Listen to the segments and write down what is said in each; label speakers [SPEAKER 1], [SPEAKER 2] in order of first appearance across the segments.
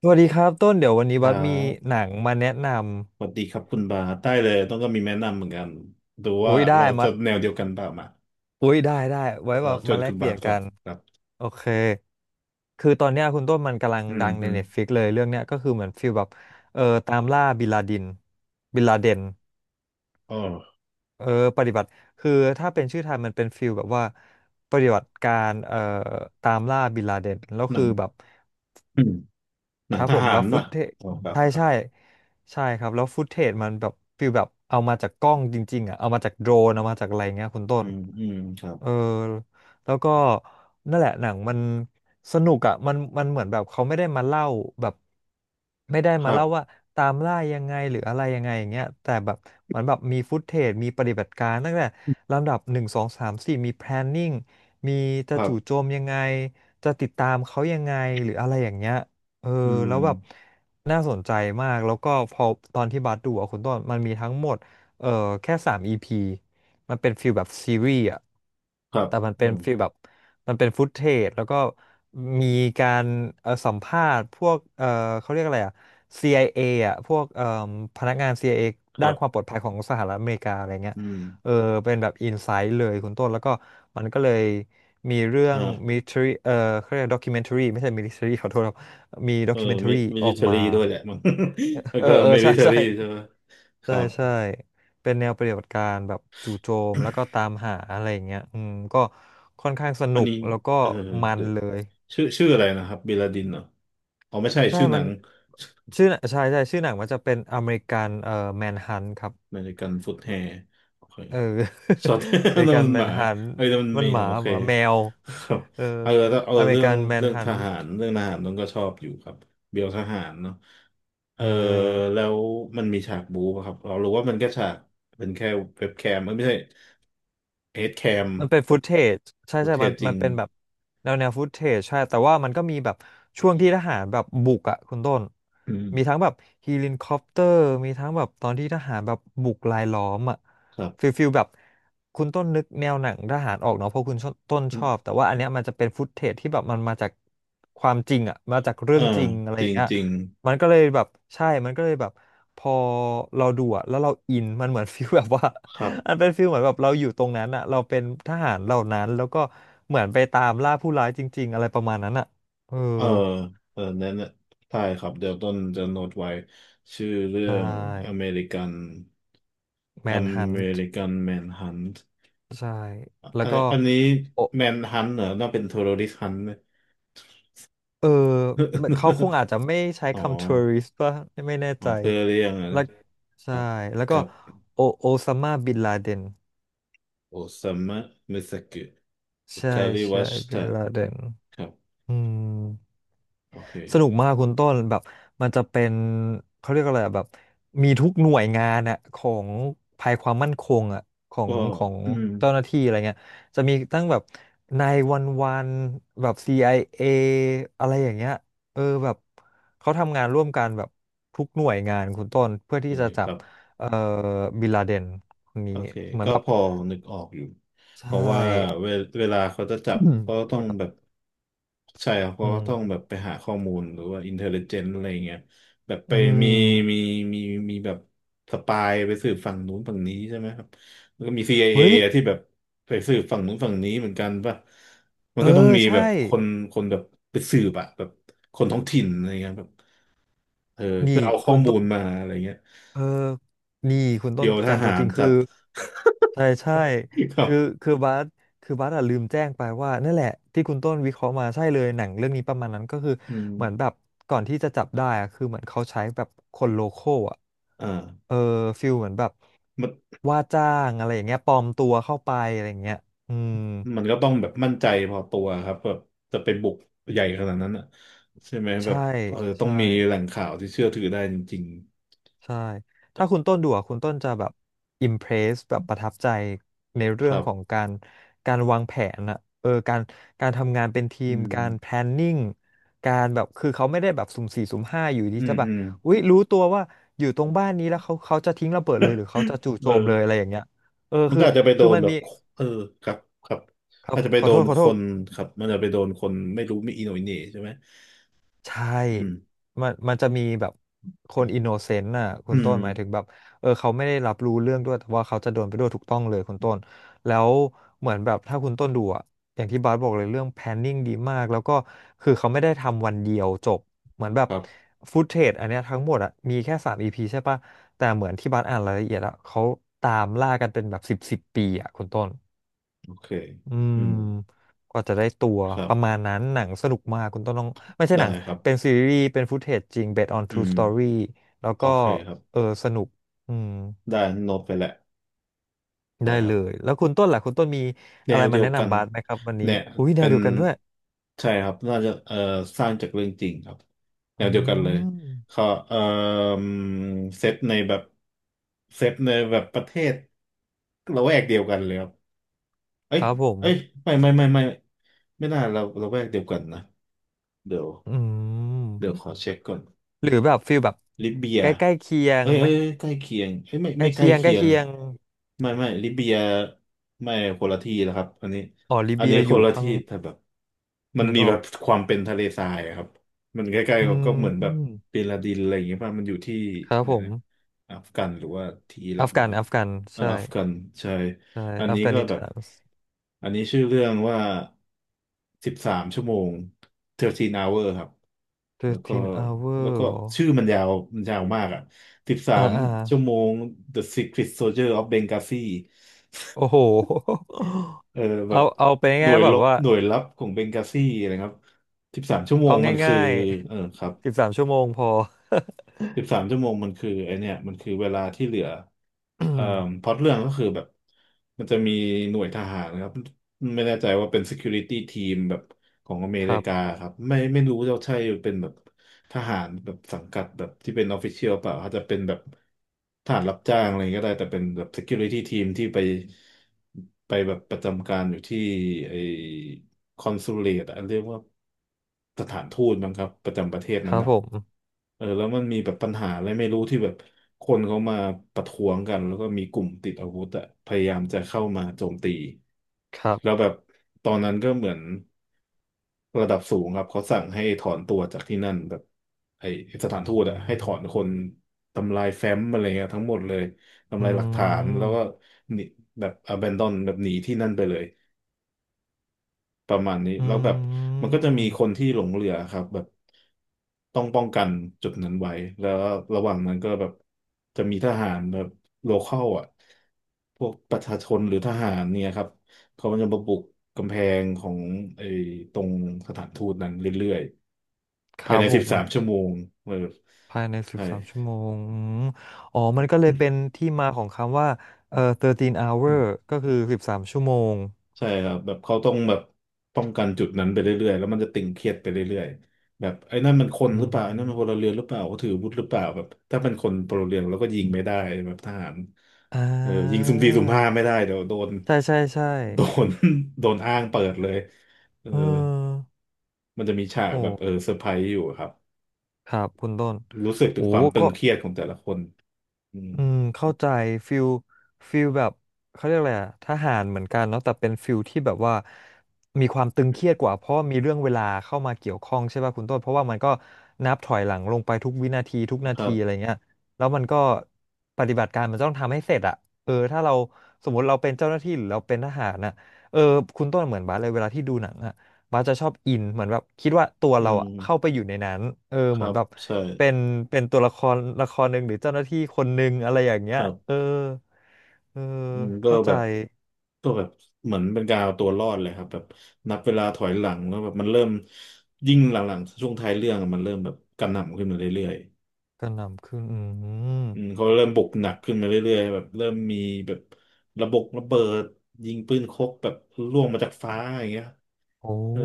[SPEAKER 1] สวัสดีครับต้นเดี๋ยววันนี้
[SPEAKER 2] ครั
[SPEAKER 1] บัสมี
[SPEAKER 2] บ
[SPEAKER 1] หนังมาแนะนำ
[SPEAKER 2] สวัสดีครับคุณบาสได้เลยต้องก็มีแนะนำเหมือนกันดู
[SPEAKER 1] โอ้
[SPEAKER 2] ว่า
[SPEAKER 1] ยได้
[SPEAKER 2] เราจะ
[SPEAKER 1] มา
[SPEAKER 2] แนวเดียวกันเปล่ามา
[SPEAKER 1] โอ้ยได้ได้ไว้
[SPEAKER 2] เออ
[SPEAKER 1] มา
[SPEAKER 2] เชิ
[SPEAKER 1] มา
[SPEAKER 2] ญ
[SPEAKER 1] แล
[SPEAKER 2] คุ
[SPEAKER 1] ก
[SPEAKER 2] ณ
[SPEAKER 1] เป
[SPEAKER 2] บา
[SPEAKER 1] ลี่ย
[SPEAKER 2] ส
[SPEAKER 1] น
[SPEAKER 2] ก่อ
[SPEAKER 1] กั
[SPEAKER 2] น
[SPEAKER 1] น
[SPEAKER 2] ครับ
[SPEAKER 1] โอเคคือตอนเนี้ยคุณต้นมันกำลัง
[SPEAKER 2] อืม
[SPEAKER 1] ดังใน
[SPEAKER 2] อืม
[SPEAKER 1] Netflix เลยเรื่องเนี้ยก็คือเหมือนฟีลแบบเออตามล่าบินลาดินบินลาเดน
[SPEAKER 2] อ๋อ
[SPEAKER 1] เออปฏิบัติคือถ้าเป็นชื่อไทยมันเป็นฟีลแบบว่าปฏิบัติการตามล่าบินลาเดนแล้ว
[SPEAKER 2] หนั
[SPEAKER 1] คือ
[SPEAKER 2] ง
[SPEAKER 1] แบบ
[SPEAKER 2] อืมห
[SPEAKER 1] ค
[SPEAKER 2] นัง
[SPEAKER 1] รับ
[SPEAKER 2] ท
[SPEAKER 1] ผม
[SPEAKER 2] หา
[SPEAKER 1] แล้
[SPEAKER 2] ร
[SPEAKER 1] วฟุ
[SPEAKER 2] ป่ะ
[SPEAKER 1] ตเทจ
[SPEAKER 2] อ๋อครับ
[SPEAKER 1] ใช่
[SPEAKER 2] ครับ
[SPEAKER 1] ใช่ใช่ครับแล้วฟุตเทจมันแบบฟิลแบบเอามาจากกล้องจริงๆอ่ะเอามาจากโดรนเอามาจากอะไรเงี้ยคุณต้
[SPEAKER 2] อื
[SPEAKER 1] น
[SPEAKER 2] มอืมครับ
[SPEAKER 1] เออแล้วก็นั่นแหละหนังมันสนุกอ่ะมันมันเหมือนแบบเขาไม่ได้มาเล่าแบบไม่ได้
[SPEAKER 2] ค
[SPEAKER 1] มา
[SPEAKER 2] รั
[SPEAKER 1] เล่าว่า
[SPEAKER 2] บ
[SPEAKER 1] ตามล่ายังไงหรืออะไรยังไงอย่างเงี้ยแต่แบบมันแบบมีฟุตเทจมีปฏิบัติการตั้งแต่ลำดับหนึ่งสองสามสี่มีแพลนนิ่งมีจะ
[SPEAKER 2] ครั
[SPEAKER 1] จู่โจ
[SPEAKER 2] บ
[SPEAKER 1] มยังไงจะติดตามเขายังไงหรืออะไรอย่างเงี้ย เออ
[SPEAKER 2] อื
[SPEAKER 1] แล้
[SPEAKER 2] ม
[SPEAKER 1] วแบบน่าสนใจมากแล้วก็พอตอนที่บัสดูอะคุณต้นมันมีทั้งหมดเออแค่สามอีพีมันเป็นฟิลแบบซีรีส์อะ
[SPEAKER 2] ครับ
[SPEAKER 1] แต่มัน
[SPEAKER 2] อื
[SPEAKER 1] เป็น
[SPEAKER 2] ม
[SPEAKER 1] ฟิลแบบมันเป็นฟุตเทจแล้วก็มีการเออสัมภาษณ์พวกเออเขาเรียกอะไรอะ CIA อเออะพวกเออพนักงาน CIA
[SPEAKER 2] ค
[SPEAKER 1] ด้า
[SPEAKER 2] รั
[SPEAKER 1] นความปลอด
[SPEAKER 2] บ
[SPEAKER 1] ภัยของสหรัฐอเมริกาอะไรเงี้ย
[SPEAKER 2] อืม
[SPEAKER 1] เออเป็นแบบอินไซต์เลยคุณต้นแล้วก็มันก็เลยมีเรื่อง
[SPEAKER 2] ฮะ
[SPEAKER 1] มิลิ t รีเออเขาเรียกด็อกิเมนทรีไม่ใช่มิลิ t รีขอโทษ มี
[SPEAKER 2] เอ
[SPEAKER 1] ด็อ
[SPEAKER 2] อ
[SPEAKER 1] กิเมนท r
[SPEAKER 2] มิ
[SPEAKER 1] รี
[SPEAKER 2] มิ
[SPEAKER 1] อ
[SPEAKER 2] ลิ
[SPEAKER 1] อก
[SPEAKER 2] เทอ
[SPEAKER 1] มา
[SPEAKER 2] รี่ด้วยแหละ มั้ง แล้ ว
[SPEAKER 1] เออ
[SPEAKER 2] ก็
[SPEAKER 1] เออ
[SPEAKER 2] มิลิ
[SPEAKER 1] ใช่
[SPEAKER 2] เทอ
[SPEAKER 1] ใช่
[SPEAKER 2] รี่ใช่ไหมค
[SPEAKER 1] ใช่
[SPEAKER 2] รับ
[SPEAKER 1] ใช่เป็นแนวปฏิบัติการแบบจู่โจมแล้วก็ตามหาอะไรอย่างเงี้ยอืมก็ค่อนข้างส
[SPEAKER 2] อั
[SPEAKER 1] นุ
[SPEAKER 2] น
[SPEAKER 1] ก
[SPEAKER 2] นี้
[SPEAKER 1] แล้วก็
[SPEAKER 2] เออ
[SPEAKER 1] มัน
[SPEAKER 2] เดี๋ยว
[SPEAKER 1] เลย
[SPEAKER 2] ชื่อชื่ออะไรนะครับบิลาดินเหรออ๋อไม่ใช่
[SPEAKER 1] ใช่
[SPEAKER 2] ชื่อหนั
[SPEAKER 1] มัน
[SPEAKER 2] ง
[SPEAKER 1] ชื่อหนังใช่ใช่ชื่อหนังมันจะเป็นอเมริกันแมนฮันครับ
[SPEAKER 2] นาฬิกันฟุตแฮร์โอเค
[SPEAKER 1] เออ
[SPEAKER 2] ช็อต
[SPEAKER 1] อ เมริ
[SPEAKER 2] นั่น
[SPEAKER 1] กัน
[SPEAKER 2] มัน
[SPEAKER 1] แม
[SPEAKER 2] ห
[SPEAKER 1] น
[SPEAKER 2] มา
[SPEAKER 1] ฮัน
[SPEAKER 2] เอ้ยนั่นมัน
[SPEAKER 1] มั
[SPEAKER 2] แม
[SPEAKER 1] นห
[SPEAKER 2] ว
[SPEAKER 1] มา
[SPEAKER 2] โอเค
[SPEAKER 1] หมาแมว
[SPEAKER 2] ครับ
[SPEAKER 1] เออ
[SPEAKER 2] เอาแล้วเอา
[SPEAKER 1] อเมริ
[SPEAKER 2] เรื่อ
[SPEAKER 1] กั
[SPEAKER 2] ง
[SPEAKER 1] นแมน
[SPEAKER 2] เรื่อง
[SPEAKER 1] ฮั
[SPEAKER 2] ท
[SPEAKER 1] น
[SPEAKER 2] หารเรื่องทหารน้องก็ชอบอยู่ครับเบลทหารเนาะเอ
[SPEAKER 1] เอ
[SPEAKER 2] อ
[SPEAKER 1] อ
[SPEAKER 2] แล้วมันมีฉากบู๊ป่ะครับ เรารู้ว่ามันแค่ฉาก เป็นแค่เว็บแคมเอ้ยไม่ใช่เฮดแคม
[SPEAKER 1] มันเป็นฟุตเทจใช่
[SPEAKER 2] ฟุต
[SPEAKER 1] ใช่
[SPEAKER 2] เท
[SPEAKER 1] มั
[SPEAKER 2] จ
[SPEAKER 1] น
[SPEAKER 2] จริ
[SPEAKER 1] มั
[SPEAKER 2] ง
[SPEAKER 1] นเป็นแบบแนวแนวฟุตเทจใช่แต่ว่ามันก็มีแบบช่วงที่ทหารแบบบุกอ่ะคุณต้น
[SPEAKER 2] อืม
[SPEAKER 1] มีทั้งแบบเฮลิคอปเตอร์มีทั้งแบบตอนที่ทหารแบบบุกลายล้อมอ่ะ
[SPEAKER 2] ครั
[SPEAKER 1] ฟิล
[SPEAKER 2] บ
[SPEAKER 1] ฟิลแบบคุณต้นนึกแนวหนังทหารออกเนาะเพราะคุณชอบต้น
[SPEAKER 2] อื
[SPEAKER 1] ช
[SPEAKER 2] ม
[SPEAKER 1] อบแต่ว่าอันเนี้ยมันจะเป็นฟุตเทจที่แบบมันมาจากความจริงอ่ะมาจาก
[SPEAKER 2] เอ
[SPEAKER 1] เรื่อ
[SPEAKER 2] อ
[SPEAKER 1] งจริงอะไร
[SPEAKER 2] จ
[SPEAKER 1] อ
[SPEAKER 2] ริ
[SPEAKER 1] ย่าง
[SPEAKER 2] ง
[SPEAKER 1] เงี้ย
[SPEAKER 2] จริง
[SPEAKER 1] มันก็เลยแบบใช่มันก็เลยแบบพอเราดูอะแล้วเราอินมันเหมือน ฟีลแบบว่า
[SPEAKER 2] ครั
[SPEAKER 1] อัน
[SPEAKER 2] บ
[SPEAKER 1] เป็นฟีลเหมือนแบบเราอยู่ตรงนั้นอ่ะเราเป็นทหารเหล่านั้นแล้วก็เหมือนไปตามล่าผู้ร้ายจริงๆอะไรประมาณนั้นอ่ะเออ
[SPEAKER 2] เออเออนั่นน่ะใช่ครับเดี๋ยวต้นจะโน้ตไว้ชื่อเรื่
[SPEAKER 1] ได
[SPEAKER 2] องอ
[SPEAKER 1] ้
[SPEAKER 2] เมริกัน
[SPEAKER 1] แม
[SPEAKER 2] อ
[SPEAKER 1] นฮัน
[SPEAKER 2] เม
[SPEAKER 1] ต์
[SPEAKER 2] ริกันแมนฮันต์
[SPEAKER 1] ใช่แล้
[SPEAKER 2] อั
[SPEAKER 1] ว
[SPEAKER 2] น
[SPEAKER 1] ก็
[SPEAKER 2] อันนี้
[SPEAKER 1] โอ
[SPEAKER 2] แมนฮันต์เหรอน่าเป็นเทอร์ริสต์ฮันต์เนี่ย
[SPEAKER 1] เออเขาคงอาจ จะไม่ใช้
[SPEAKER 2] อ๋อ
[SPEAKER 1] คำทัวริสต์ป่ะไม่แน่
[SPEAKER 2] อ๋อ
[SPEAKER 1] ใจ
[SPEAKER 2] เพื่อเรียกอะ
[SPEAKER 1] แล้
[SPEAKER 2] นะ
[SPEAKER 1] ว
[SPEAKER 2] ค
[SPEAKER 1] ใช่
[SPEAKER 2] รับ
[SPEAKER 1] แล้ว
[SPEAKER 2] ค
[SPEAKER 1] ก็
[SPEAKER 2] รับ
[SPEAKER 1] โอโอซามาบินลาเดน
[SPEAKER 2] โอซามะมิซากุ
[SPEAKER 1] ใช่
[SPEAKER 2] คาริ
[SPEAKER 1] ใช่
[SPEAKER 2] วัช
[SPEAKER 1] บิน
[SPEAKER 2] ตะ
[SPEAKER 1] ลาเดน
[SPEAKER 2] ครับ
[SPEAKER 1] อืม
[SPEAKER 2] โอเค
[SPEAKER 1] สนุกมากคุณต้นแบบมันจะเป็นเขาเรียกอะไรอะแบบมีทุกหน่วยงานอะของภายความมั่นคงอะของ
[SPEAKER 2] ก็
[SPEAKER 1] ของ
[SPEAKER 2] อืม
[SPEAKER 1] เจ้าหน้าที่อะไรเงี้ยจะมีตั้งแบบนายวันวันแบบ CIA อเออะไรอย่างเงี้ยเออแบบเขาทำงานร่วมกันแบบทุกหน่วยงานคุณต้นเพื่อ
[SPEAKER 2] โอ
[SPEAKER 1] ที่
[SPEAKER 2] เค
[SPEAKER 1] จะจั
[SPEAKER 2] ค
[SPEAKER 1] บ
[SPEAKER 2] รับ
[SPEAKER 1] เอ่อบินลาเดนคน
[SPEAKER 2] โอ
[SPEAKER 1] นี้
[SPEAKER 2] เค
[SPEAKER 1] เหมือน
[SPEAKER 2] ก็
[SPEAKER 1] แบบ
[SPEAKER 2] พอนึกออกอยู่
[SPEAKER 1] ใช
[SPEAKER 2] เพราะว่า
[SPEAKER 1] ่
[SPEAKER 2] เวเวลาเขาจะจั
[SPEAKER 1] อื
[SPEAKER 2] บ
[SPEAKER 1] ม
[SPEAKER 2] ก็
[SPEAKER 1] โท
[SPEAKER 2] ต้อง
[SPEAKER 1] ษครับ
[SPEAKER 2] แบบใช่ครับ
[SPEAKER 1] อื
[SPEAKER 2] เขาก็
[SPEAKER 1] ม
[SPEAKER 2] ต้องแบบไปหาข้อมูลหรือว่าอินเทลเจนอะไรเงี้ยแบบไป
[SPEAKER 1] อื
[SPEAKER 2] มีมี
[SPEAKER 1] ม
[SPEAKER 2] มีมีแบบสปายไปสืบฝั่งนู้นฝั่งนี้ใช่ไหมครับแล้วก็มี CIA อ
[SPEAKER 1] เฮ้ย
[SPEAKER 2] เออะที่แบบไปสืบฝั่งนู้นฝั่งนี้เหมือนกันป่ะมั
[SPEAKER 1] เอ
[SPEAKER 2] นก็ต้อง
[SPEAKER 1] อ
[SPEAKER 2] มีแบ
[SPEAKER 1] ใช่
[SPEAKER 2] บคนคนแบบไปสืบอะแบบคนท้องถิ่นอะไรเงี้ยแบบเออ
[SPEAKER 1] นี่
[SPEAKER 2] เพื่อเอาข้
[SPEAKER 1] คุ
[SPEAKER 2] อ
[SPEAKER 1] ณ
[SPEAKER 2] มู
[SPEAKER 1] ต้น
[SPEAKER 2] ลมาอะไรเงี้ย
[SPEAKER 1] เออนี่คุณต้
[SPEAKER 2] เดี๋
[SPEAKER 1] น
[SPEAKER 2] ยวท
[SPEAKER 1] แฟนตั
[SPEAKER 2] หา
[SPEAKER 1] วจ
[SPEAKER 2] ร
[SPEAKER 1] ริง
[SPEAKER 2] จั
[SPEAKER 1] คื
[SPEAKER 2] ด
[SPEAKER 1] อใช่ใช่
[SPEAKER 2] ครั
[SPEAKER 1] คื
[SPEAKER 2] บ
[SPEAKER 1] อคือบาสคือบาสอะลืมแจ้งไปว่านั่นแหละที่คุณต้นวิเคราะห์มาใช่เลยหนังเรื่องนี้ประมาณนั้นก็คือ
[SPEAKER 2] อืม
[SPEAKER 1] เหมือนแบบก่อนที่จะจับได้อะคือเหมือนเขาใช้แบบคนโลคอลอะ
[SPEAKER 2] อ่
[SPEAKER 1] เออ
[SPEAKER 2] า
[SPEAKER 1] ฟิลเหมือนแบบ
[SPEAKER 2] มัน
[SPEAKER 1] ว่าจ้างอะไรอย่างเงี้ยปลอมตัวเข้าไปอะไรอย่างเงี้ยอืม
[SPEAKER 2] มันก็ต้องแบบมั่นใจพอตัวครับแบบจะไปบุกใหญ่ขนาดนั้นอ่ะใช่ไหมแบบ
[SPEAKER 1] ใช่
[SPEAKER 2] เออต้อง
[SPEAKER 1] ใช่
[SPEAKER 2] มีแหล่งข่าวที่เชื่อถือได้จริง
[SPEAKER 1] ใช่ถ้าคุณต้นดูอะคุณต้นจะแบบอิมเพรสแบบประทับใจใน
[SPEAKER 2] ๆค
[SPEAKER 1] เรื่อง
[SPEAKER 2] รับ
[SPEAKER 1] ของการการวางแผนอะเออการการทำงานเป็นที
[SPEAKER 2] อื
[SPEAKER 1] ม
[SPEAKER 2] ม
[SPEAKER 1] การ planning การแบบคือเขาไม่ได้แบบสุ่มสี่สุ่มห้าอยู่ดี
[SPEAKER 2] อืม
[SPEAKER 1] จะแบ
[SPEAKER 2] อื
[SPEAKER 1] บ
[SPEAKER 2] ม
[SPEAKER 1] อุ๊ยรู้ตัวว่าอยู่ตรงบ้านนี้แล้วเขาเขาจะทิ้งระเบิดเลยหรือเขาจะจู่โจ
[SPEAKER 2] เออ
[SPEAKER 1] มเลยอะไรอย่างเงี้ยเออ
[SPEAKER 2] มัน
[SPEAKER 1] คื
[SPEAKER 2] ก็
[SPEAKER 1] อ
[SPEAKER 2] อาจจะไปโด
[SPEAKER 1] คือ
[SPEAKER 2] น
[SPEAKER 1] มัน
[SPEAKER 2] แบบ
[SPEAKER 1] มี
[SPEAKER 2] เออครับครับ
[SPEAKER 1] ครับ
[SPEAKER 2] อาจจะไป
[SPEAKER 1] ขอ
[SPEAKER 2] โด
[SPEAKER 1] โท
[SPEAKER 2] น
[SPEAKER 1] ษขอ
[SPEAKER 2] ค
[SPEAKER 1] โทษ
[SPEAKER 2] นครับมันจะไปโดนคนไม่รู้มีอีโหน่อีเหน่ใช่ไหม
[SPEAKER 1] ใช
[SPEAKER 2] อืม
[SPEAKER 1] ่มันมันจะมีแบบคนอินโนเซนต์น่ะคุ
[SPEAKER 2] อื
[SPEAKER 1] ณต้
[SPEAKER 2] ม
[SPEAKER 1] นหมายถึงแบบเออเขาไม่ได้รับรู้เรื่องด้วยแต่ว่าเขาจะโดนไปด้วยถูกต้องเลยคุณต้นแล้วเหมือนแบบถ้าคุณต้นดูอ่ะอย่างที่บาสบอกเลยเรื่อง planning ดีมากแล้วก็คือเขาไม่ได้ทำวันเดียวจบเหมือนแบบ
[SPEAKER 2] ครับ
[SPEAKER 1] ฟุตเทจอันเนี้ยทั้งหมดอ่ะมีแค่สามอีพีใช่ปะแต่เหมือนที่บาสอ่านรายละเอียดอ่ะเขาตามล่ากันเป็นแบบสิบปีอ่ะคุณต้น
[SPEAKER 2] โอเค
[SPEAKER 1] อื
[SPEAKER 2] อื
[SPEAKER 1] ม
[SPEAKER 2] ม
[SPEAKER 1] กว่าจะได้ตัว
[SPEAKER 2] ครั
[SPEAKER 1] ประมา
[SPEAKER 2] บ
[SPEAKER 1] ณนั้นหนังสนุกมากคุณต้องไม่ใช่
[SPEAKER 2] ได้
[SPEAKER 1] หนัง
[SPEAKER 2] ครับ
[SPEAKER 1] เป็นซีรีส์เป็นฟุตเทจจริง based on
[SPEAKER 2] อื
[SPEAKER 1] true
[SPEAKER 2] ม
[SPEAKER 1] story แล้ว
[SPEAKER 2] โอ
[SPEAKER 1] ก็
[SPEAKER 2] เคครั
[SPEAKER 1] เอ
[SPEAKER 2] บ
[SPEAKER 1] อสนุกอืม
[SPEAKER 2] ได้โน้ตไปแหละได้
[SPEAKER 1] ได้
[SPEAKER 2] ครั
[SPEAKER 1] เล
[SPEAKER 2] บ
[SPEAKER 1] ยแล้วคุณต้นล่ะคุณต้นมี
[SPEAKER 2] แน
[SPEAKER 1] อะไร
[SPEAKER 2] วเดี
[SPEAKER 1] มา
[SPEAKER 2] ยว
[SPEAKER 1] แนะ
[SPEAKER 2] กัน
[SPEAKER 1] นำบาสไหมครับวันนี้
[SPEAKER 2] เนี่ย
[SPEAKER 1] อุ้ยแน
[SPEAKER 2] เป็
[SPEAKER 1] ว
[SPEAKER 2] น
[SPEAKER 1] เดียวกันด้วย
[SPEAKER 2] ใช่ครับน่าจะสร้างจากเรื่องจริงครับแนว
[SPEAKER 1] อื
[SPEAKER 2] เดียวกันเลย
[SPEAKER 1] ม
[SPEAKER 2] เขาเซตในแบบเซตในแบบประเทศละแวกเดียวกันเลยครับเอ้
[SPEAKER 1] ค
[SPEAKER 2] ย
[SPEAKER 1] รับผม
[SPEAKER 2] เอ้ยไม่ไม่ไม่ไม่ไม่น่าเราละแวกเดียวกันนะ
[SPEAKER 1] อืม
[SPEAKER 2] เดี๋ยวขอเช็คก่อน
[SPEAKER 1] หรือแบบฟิลแบบ
[SPEAKER 2] ลิเบีย
[SPEAKER 1] ใกล้ใกล้เคียง
[SPEAKER 2] เอ้ย
[SPEAKER 1] ไหม
[SPEAKER 2] เอ้ยเอ้ยใกล้เคียงเอ้ยไม่
[SPEAKER 1] ใกล้
[SPEAKER 2] ไม่ใกล้
[SPEAKER 1] เคียงใก
[SPEAKER 2] เคี
[SPEAKER 1] ล้
[SPEAKER 2] ยง
[SPEAKER 1] เคียง
[SPEAKER 2] ไม่ไม่ลิเบียไม่คนละที่แล้วครับอันนี้
[SPEAKER 1] อ๋อลิ
[SPEAKER 2] อัน
[SPEAKER 1] เบี
[SPEAKER 2] นี้
[SPEAKER 1] ย
[SPEAKER 2] ค
[SPEAKER 1] อ
[SPEAKER 2] น
[SPEAKER 1] ยู่
[SPEAKER 2] ละ
[SPEAKER 1] ข้าง
[SPEAKER 2] ที่แต่แบบมัน
[SPEAKER 1] นึก
[SPEAKER 2] มี
[SPEAKER 1] ออ
[SPEAKER 2] แบ
[SPEAKER 1] ก
[SPEAKER 2] บความเป็นทะเลทรายอะครับมันใกล้
[SPEAKER 1] อื
[SPEAKER 2] ๆกับก็เหมือนแบบ
[SPEAKER 1] ม
[SPEAKER 2] เป็นลาดินอะไรอย่างเงี้ยป่ะมันอยู่ที่
[SPEAKER 1] ครั
[SPEAKER 2] ที่
[SPEAKER 1] บ
[SPEAKER 2] ไหน
[SPEAKER 1] ผม
[SPEAKER 2] นะอัฟกันหรือว่าที่อิรั
[SPEAKER 1] อั
[SPEAKER 2] ก
[SPEAKER 1] ฟ
[SPEAKER 2] นะ
[SPEAKER 1] กัน
[SPEAKER 2] ครับ
[SPEAKER 1] อัฟกัน
[SPEAKER 2] เออ
[SPEAKER 1] ใช่
[SPEAKER 2] อัฟกันใช่
[SPEAKER 1] ใช่
[SPEAKER 2] อัน
[SPEAKER 1] อัฟ
[SPEAKER 2] นี้
[SPEAKER 1] กา
[SPEAKER 2] ก็
[SPEAKER 1] นิส
[SPEAKER 2] แบบ
[SPEAKER 1] ถาน
[SPEAKER 2] อันนี้ชื่อเรื่องว่าสิบสามชั่วโมง13 hour ครับ แล้วก็
[SPEAKER 1] 13 hour
[SPEAKER 2] แล้วก็
[SPEAKER 1] เหรอ
[SPEAKER 2] ชื่อมันยาวมันยาวมากอ่ะสิบสา
[SPEAKER 1] อ่า
[SPEAKER 2] ม
[SPEAKER 1] อ่า
[SPEAKER 2] ชั่วโมง The Secret Soldier of Benghazi
[SPEAKER 1] โอ้โห
[SPEAKER 2] เออ แบ
[SPEAKER 1] เอา
[SPEAKER 2] บ
[SPEAKER 1] เอาไป
[SPEAKER 2] หน่
[SPEAKER 1] ง่า
[SPEAKER 2] ว
[SPEAKER 1] ย
[SPEAKER 2] ย
[SPEAKER 1] ๆแบ
[SPEAKER 2] ร
[SPEAKER 1] บ
[SPEAKER 2] บ
[SPEAKER 1] ว่า
[SPEAKER 2] หน่วยลับของเบงกาซีอะไรครับสิบสามชั่วโม
[SPEAKER 1] เอา
[SPEAKER 2] งมันคือ
[SPEAKER 1] ง่าย
[SPEAKER 2] เออ
[SPEAKER 1] ๆ
[SPEAKER 2] ครับ
[SPEAKER 1] 13ชั่วโมงพอ
[SPEAKER 2] สิบสามชั่วโมงมันคือไอเนี่ยมันคือเวลาที่เหลือ
[SPEAKER 1] อื
[SPEAKER 2] เอ่อ
[SPEAKER 1] ม
[SPEAKER 2] พล็อตเรื่องก็คือแบบมันจะมีหน่วยทหารครับไม่แน่ใจว่าเป็น security team แบบของอเม
[SPEAKER 1] ค
[SPEAKER 2] ริ
[SPEAKER 1] รั
[SPEAKER 2] กา
[SPEAKER 1] บ
[SPEAKER 2] ครับไม่ไม่รู้ว่าใช่เป็นแบบทหารแบบสังกัดแบบที่เป็น official เปล่าอาจจะเป็นแบบทหารรับจ้างอะไรก็ได้แต่เป็นแบบ security team ที่ไปไปแบบประจำการอยู่ที่ไอคอนซูเลตอะเรียกว่า สถานทูตมั้งครับประจำประเทศ
[SPEAKER 1] ค
[SPEAKER 2] นั้
[SPEAKER 1] รั
[SPEAKER 2] น
[SPEAKER 1] บ
[SPEAKER 2] นะ
[SPEAKER 1] ผม
[SPEAKER 2] เออแล้วมันมีแบบปัญหาอะไรไม่รู้ที่แบบคนเขามาประท้วงกันแล้วก็มีกลุ่มติดอาวุธอะพยายามจะเข้ามาโจมตี
[SPEAKER 1] ครั
[SPEAKER 2] แล้ว
[SPEAKER 1] บ
[SPEAKER 2] แบบตอนนั้นก็เหมือนระดับสูงครับเขาสั่งให้ถอนตัวจากที่นั่นแบบไอ้สถานทูตอะให้ถอนคนทำลายแฟ้มอะไรเงี้ยทั้งหมดเลย
[SPEAKER 1] อื
[SPEAKER 2] ทำลายหลักฐานแล้วก็
[SPEAKER 1] ม
[SPEAKER 2] หนีแบบ abandon แบบหนีที่นั่นไปเลย ประมาณนี้
[SPEAKER 1] อ
[SPEAKER 2] แล้วแบบ
[SPEAKER 1] ื
[SPEAKER 2] มันก็จะมี
[SPEAKER 1] ม
[SPEAKER 2] คนที่หลงเหลือครับแบบต้องป้องกันจุดนั้นไว้แล้วระหว่างนั้นก็แบบจะมีทหารแบบโลคอลอ่ะพวกประชาชนหรือทหารเนี่ยครับเขามันจะมาบุกกำแพงของไอ้ตรงสถานทูตนั้นเรื่อยๆ
[SPEAKER 1] ค
[SPEAKER 2] ภาย
[SPEAKER 1] รั
[SPEAKER 2] ใน
[SPEAKER 1] บผ
[SPEAKER 2] สิบ
[SPEAKER 1] ม
[SPEAKER 2] สามชั่วโมงเลยแบบ
[SPEAKER 1] ภายใน
[SPEAKER 2] ใช่
[SPEAKER 1] 13ชั่วโมงอืมอ๋อมันก็เลยเป็นที่มาของคำว่า13 hour ก็คือ13ชั่วโมง
[SPEAKER 2] ใช่ครับแบบเขาต้องแบบป้องกันจุดนั้นไปเรื่อยๆแล้วมันจะตึงเครียดไปเรื่อยๆแบบไอ้นั่นมันคน
[SPEAKER 1] อื
[SPEAKER 2] หรือเปล่าไอ้นั่นมันพล
[SPEAKER 1] ม
[SPEAKER 2] เรือนหรือเปล่าเขาถืออาวุธหรือเปล่าแบบถ้าเป็นคนพลเรือนเราก็ยิงไม่ได้แบบทหาร
[SPEAKER 1] อ่
[SPEAKER 2] เออยิงสุ่
[SPEAKER 1] า
[SPEAKER 2] มสี่สุ่มห้าไม่ได้เดี๋ยวโดน
[SPEAKER 1] ใช่ใช่ใช่
[SPEAKER 2] โดน โดนอ้างเปิดเลยเออ
[SPEAKER 1] เออ
[SPEAKER 2] มันจะมีฉาก
[SPEAKER 1] โอ้
[SPEAKER 2] แบบเออเซอร์ไพรส์อยู่ครับ
[SPEAKER 1] ครับคุณต้น
[SPEAKER 2] รู้สึกถึง
[SPEAKER 1] โอ้
[SPEAKER 2] ความตึ
[SPEAKER 1] ก็
[SPEAKER 2] งเครียดของแต่ละคนอืม
[SPEAKER 1] อืมเข้าใจฟิลฟิลแบบเขาเรียกอะไรอะทหารเหมือนกันเนาะแต่เป็นฟิลที่แบบว่ามีความตึงเครียดกว่าเพราะมีเรื่องเวลาเข้ามาเกี่ยวข้องใช่ป่ะคุณต้นเพราะว่ามันก็นับถอยหลังลงไปทุกวินาทีทุกนา
[SPEAKER 2] ครั
[SPEAKER 1] ทีอะไร
[SPEAKER 2] บ
[SPEAKER 1] เงี้ยแล้วมันก็ปฏิบัติการมันต้องทำให้เสร็จอะเออถ้าเราสมมติเราเป็นเจ้าหน้าที่หรือเราเป็นทหารน่ะเออคุณต้นเหมือนบาสเลยเวลาที่ดูหนังอะ บาสจะชอบอินเหมือนแบบคิดว่าตัว
[SPEAKER 2] อื
[SPEAKER 1] เรา
[SPEAKER 2] ม
[SPEAKER 1] อะเข้าไปอยู่ในนั้นเออ
[SPEAKER 2] ค
[SPEAKER 1] เห
[SPEAKER 2] รั
[SPEAKER 1] มือน
[SPEAKER 2] บ
[SPEAKER 1] แบบ
[SPEAKER 2] ใช่
[SPEAKER 1] เป็นเป็นตัวละครหนึ่งหรือเจ้าหน้าที่คนหนึ่งอะไรอย่างเงี้
[SPEAKER 2] ค
[SPEAKER 1] ย
[SPEAKER 2] รั
[SPEAKER 1] เออ
[SPEAKER 2] บ
[SPEAKER 1] เออ
[SPEAKER 2] อืมก็
[SPEAKER 1] เข้า
[SPEAKER 2] แบ
[SPEAKER 1] ใจ
[SPEAKER 2] บก็แบบเหมือนเป็นการเอาตัวรอดเลยครับแบบนับเวลาถอยหลังแล้วแบบมันเริ่มยิ่งหลังๆช่วงท้ายเรื่องอะมันเริ่มแบบกระหน่ำขึ้นมาเรื่อย
[SPEAKER 1] กระหน่ำขึ้นอืม
[SPEAKER 2] ๆอืมเขาเริ่มบุกหนักขึ้นมาเรื่อยๆแบบเริ่มมีแบบระบบระเบิดยิงปืนคกแบบล่วงมาจากฟ้าอย่างเงี้ย
[SPEAKER 1] โอ้
[SPEAKER 2] เออ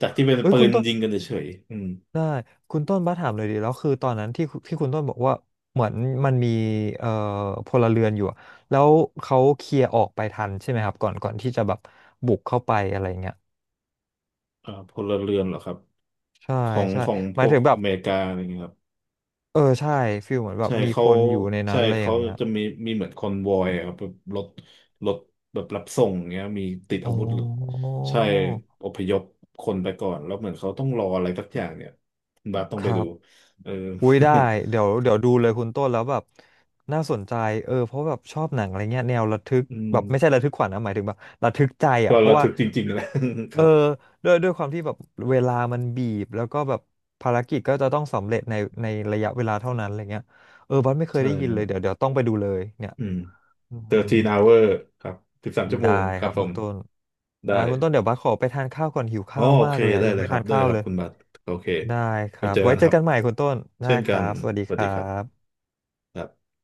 [SPEAKER 2] จากที่เป็น
[SPEAKER 1] เอ้ย
[SPEAKER 2] ปื
[SPEAKER 1] คุณ
[SPEAKER 2] น
[SPEAKER 1] ต้น
[SPEAKER 2] ยิงกันเฉยๆอืม
[SPEAKER 1] ได้คุณต้นบ้าสถามเลยดีแล้วคือตอนนั้นที่คุณต้นบอกว่าเหมือนมันมีเอ่อพลเรือนอยู่อะแล้วเขาเคลียร์ออกไปทันใช่ไหมครับก่อนที่จะแบบบุกเข้าไปอะไรเงี้ย
[SPEAKER 2] อ่าพลเรือนเหรอครับ
[SPEAKER 1] ใช่
[SPEAKER 2] ของ
[SPEAKER 1] ใช่
[SPEAKER 2] ของ
[SPEAKER 1] ห
[SPEAKER 2] พ
[SPEAKER 1] มาย
[SPEAKER 2] วก
[SPEAKER 1] ถึงแบ
[SPEAKER 2] อ
[SPEAKER 1] บ
[SPEAKER 2] เมริกาอะไรอย่างเงี้ยครับ
[SPEAKER 1] เออใช่ฟิลเหมือนแบบ
[SPEAKER 2] ใช่
[SPEAKER 1] มี
[SPEAKER 2] เขา
[SPEAKER 1] คนอยู่ในนั้
[SPEAKER 2] ใช่
[SPEAKER 1] นอะไรอ
[SPEAKER 2] เขา
[SPEAKER 1] ย่างเงี้ย
[SPEAKER 2] จะมีมีเหมือนคอนวอยอะครับแบบรถรถแบบรับส่งเงี้ยมีติด
[SPEAKER 1] อ๋
[SPEAKER 2] อา
[SPEAKER 1] อ
[SPEAKER 2] วุธใช่อพยพคนไปก่อนแล้วเหมือนเขาต้องรออะไรสักอย่างเนี่ยคุณบาสต้อง
[SPEAKER 1] ค
[SPEAKER 2] ไป
[SPEAKER 1] รั
[SPEAKER 2] ดู
[SPEAKER 1] บ
[SPEAKER 2] เออ
[SPEAKER 1] อุ้ยได้ เดี๋ยวดูเลยคุณต้นแล้วแบบน่าสนใจเออเพราะแบบชอบหนังอะไรเงี้ยแนวระทึก
[SPEAKER 2] อืม
[SPEAKER 1] แบบไม่ใช่ระทึกขวัญนะหมายถึงแบบระทึกใจ
[SPEAKER 2] ก็
[SPEAKER 1] อ่ะเพราะ
[SPEAKER 2] ระ
[SPEAKER 1] ว่า
[SPEAKER 2] ทึกจริงๆนะค
[SPEAKER 1] เออ
[SPEAKER 2] รับ
[SPEAKER 1] ด้วยความที่แบบเวลามันบีบแล้วก็แบบภารกิจก็จะต้องสำเร็จในระยะเวลาเท่านั้นอะไรเงี้ยเออบัสไม่เคย
[SPEAKER 2] ใช่
[SPEAKER 1] ได้ยิ
[SPEAKER 2] ค
[SPEAKER 1] น
[SPEAKER 2] รั
[SPEAKER 1] เลยเดี๋ยว
[SPEAKER 2] บ
[SPEAKER 1] เดี๋ยวต้องไปดูเลยเนี่ย
[SPEAKER 2] อืม
[SPEAKER 1] อืม
[SPEAKER 2] 13 hour ครับ13ชั่วโม
[SPEAKER 1] ได้
[SPEAKER 2] งค
[SPEAKER 1] ค
[SPEAKER 2] รับ
[SPEAKER 1] รับ
[SPEAKER 2] ผ
[SPEAKER 1] คุณ
[SPEAKER 2] ม
[SPEAKER 1] ต้น
[SPEAKER 2] ได้
[SPEAKER 1] ได้คุณต้นเดี๋ยวบัสขอไปทานข้าวก่อนหิว
[SPEAKER 2] อ๋อ
[SPEAKER 1] ข้าว
[SPEAKER 2] โอ
[SPEAKER 1] มา
[SPEAKER 2] เค
[SPEAKER 1] กเลยอะ
[SPEAKER 2] ได้
[SPEAKER 1] ยัง
[SPEAKER 2] เลย
[SPEAKER 1] ไม่
[SPEAKER 2] ครั
[SPEAKER 1] ทา
[SPEAKER 2] บ
[SPEAKER 1] น
[SPEAKER 2] ได้เล
[SPEAKER 1] ข้า
[SPEAKER 2] ย
[SPEAKER 1] ว
[SPEAKER 2] ครั
[SPEAKER 1] เล
[SPEAKER 2] บ
[SPEAKER 1] ย
[SPEAKER 2] คุณบัตรโอเค
[SPEAKER 1] ได้ค
[SPEAKER 2] ไป
[SPEAKER 1] รับ
[SPEAKER 2] เจอ
[SPEAKER 1] ไว้
[SPEAKER 2] กัน
[SPEAKER 1] เจ
[SPEAKER 2] ค
[SPEAKER 1] อ
[SPEAKER 2] รับ
[SPEAKER 1] กันใหม่คุณต้นได้
[SPEAKER 2] เช่น
[SPEAKER 1] ค
[SPEAKER 2] กั
[SPEAKER 1] รั
[SPEAKER 2] น
[SPEAKER 1] บสวัสดี
[SPEAKER 2] ส
[SPEAKER 1] ค
[SPEAKER 2] วัสดี
[SPEAKER 1] รั
[SPEAKER 2] ครับ
[SPEAKER 1] บ
[SPEAKER 2] ครับ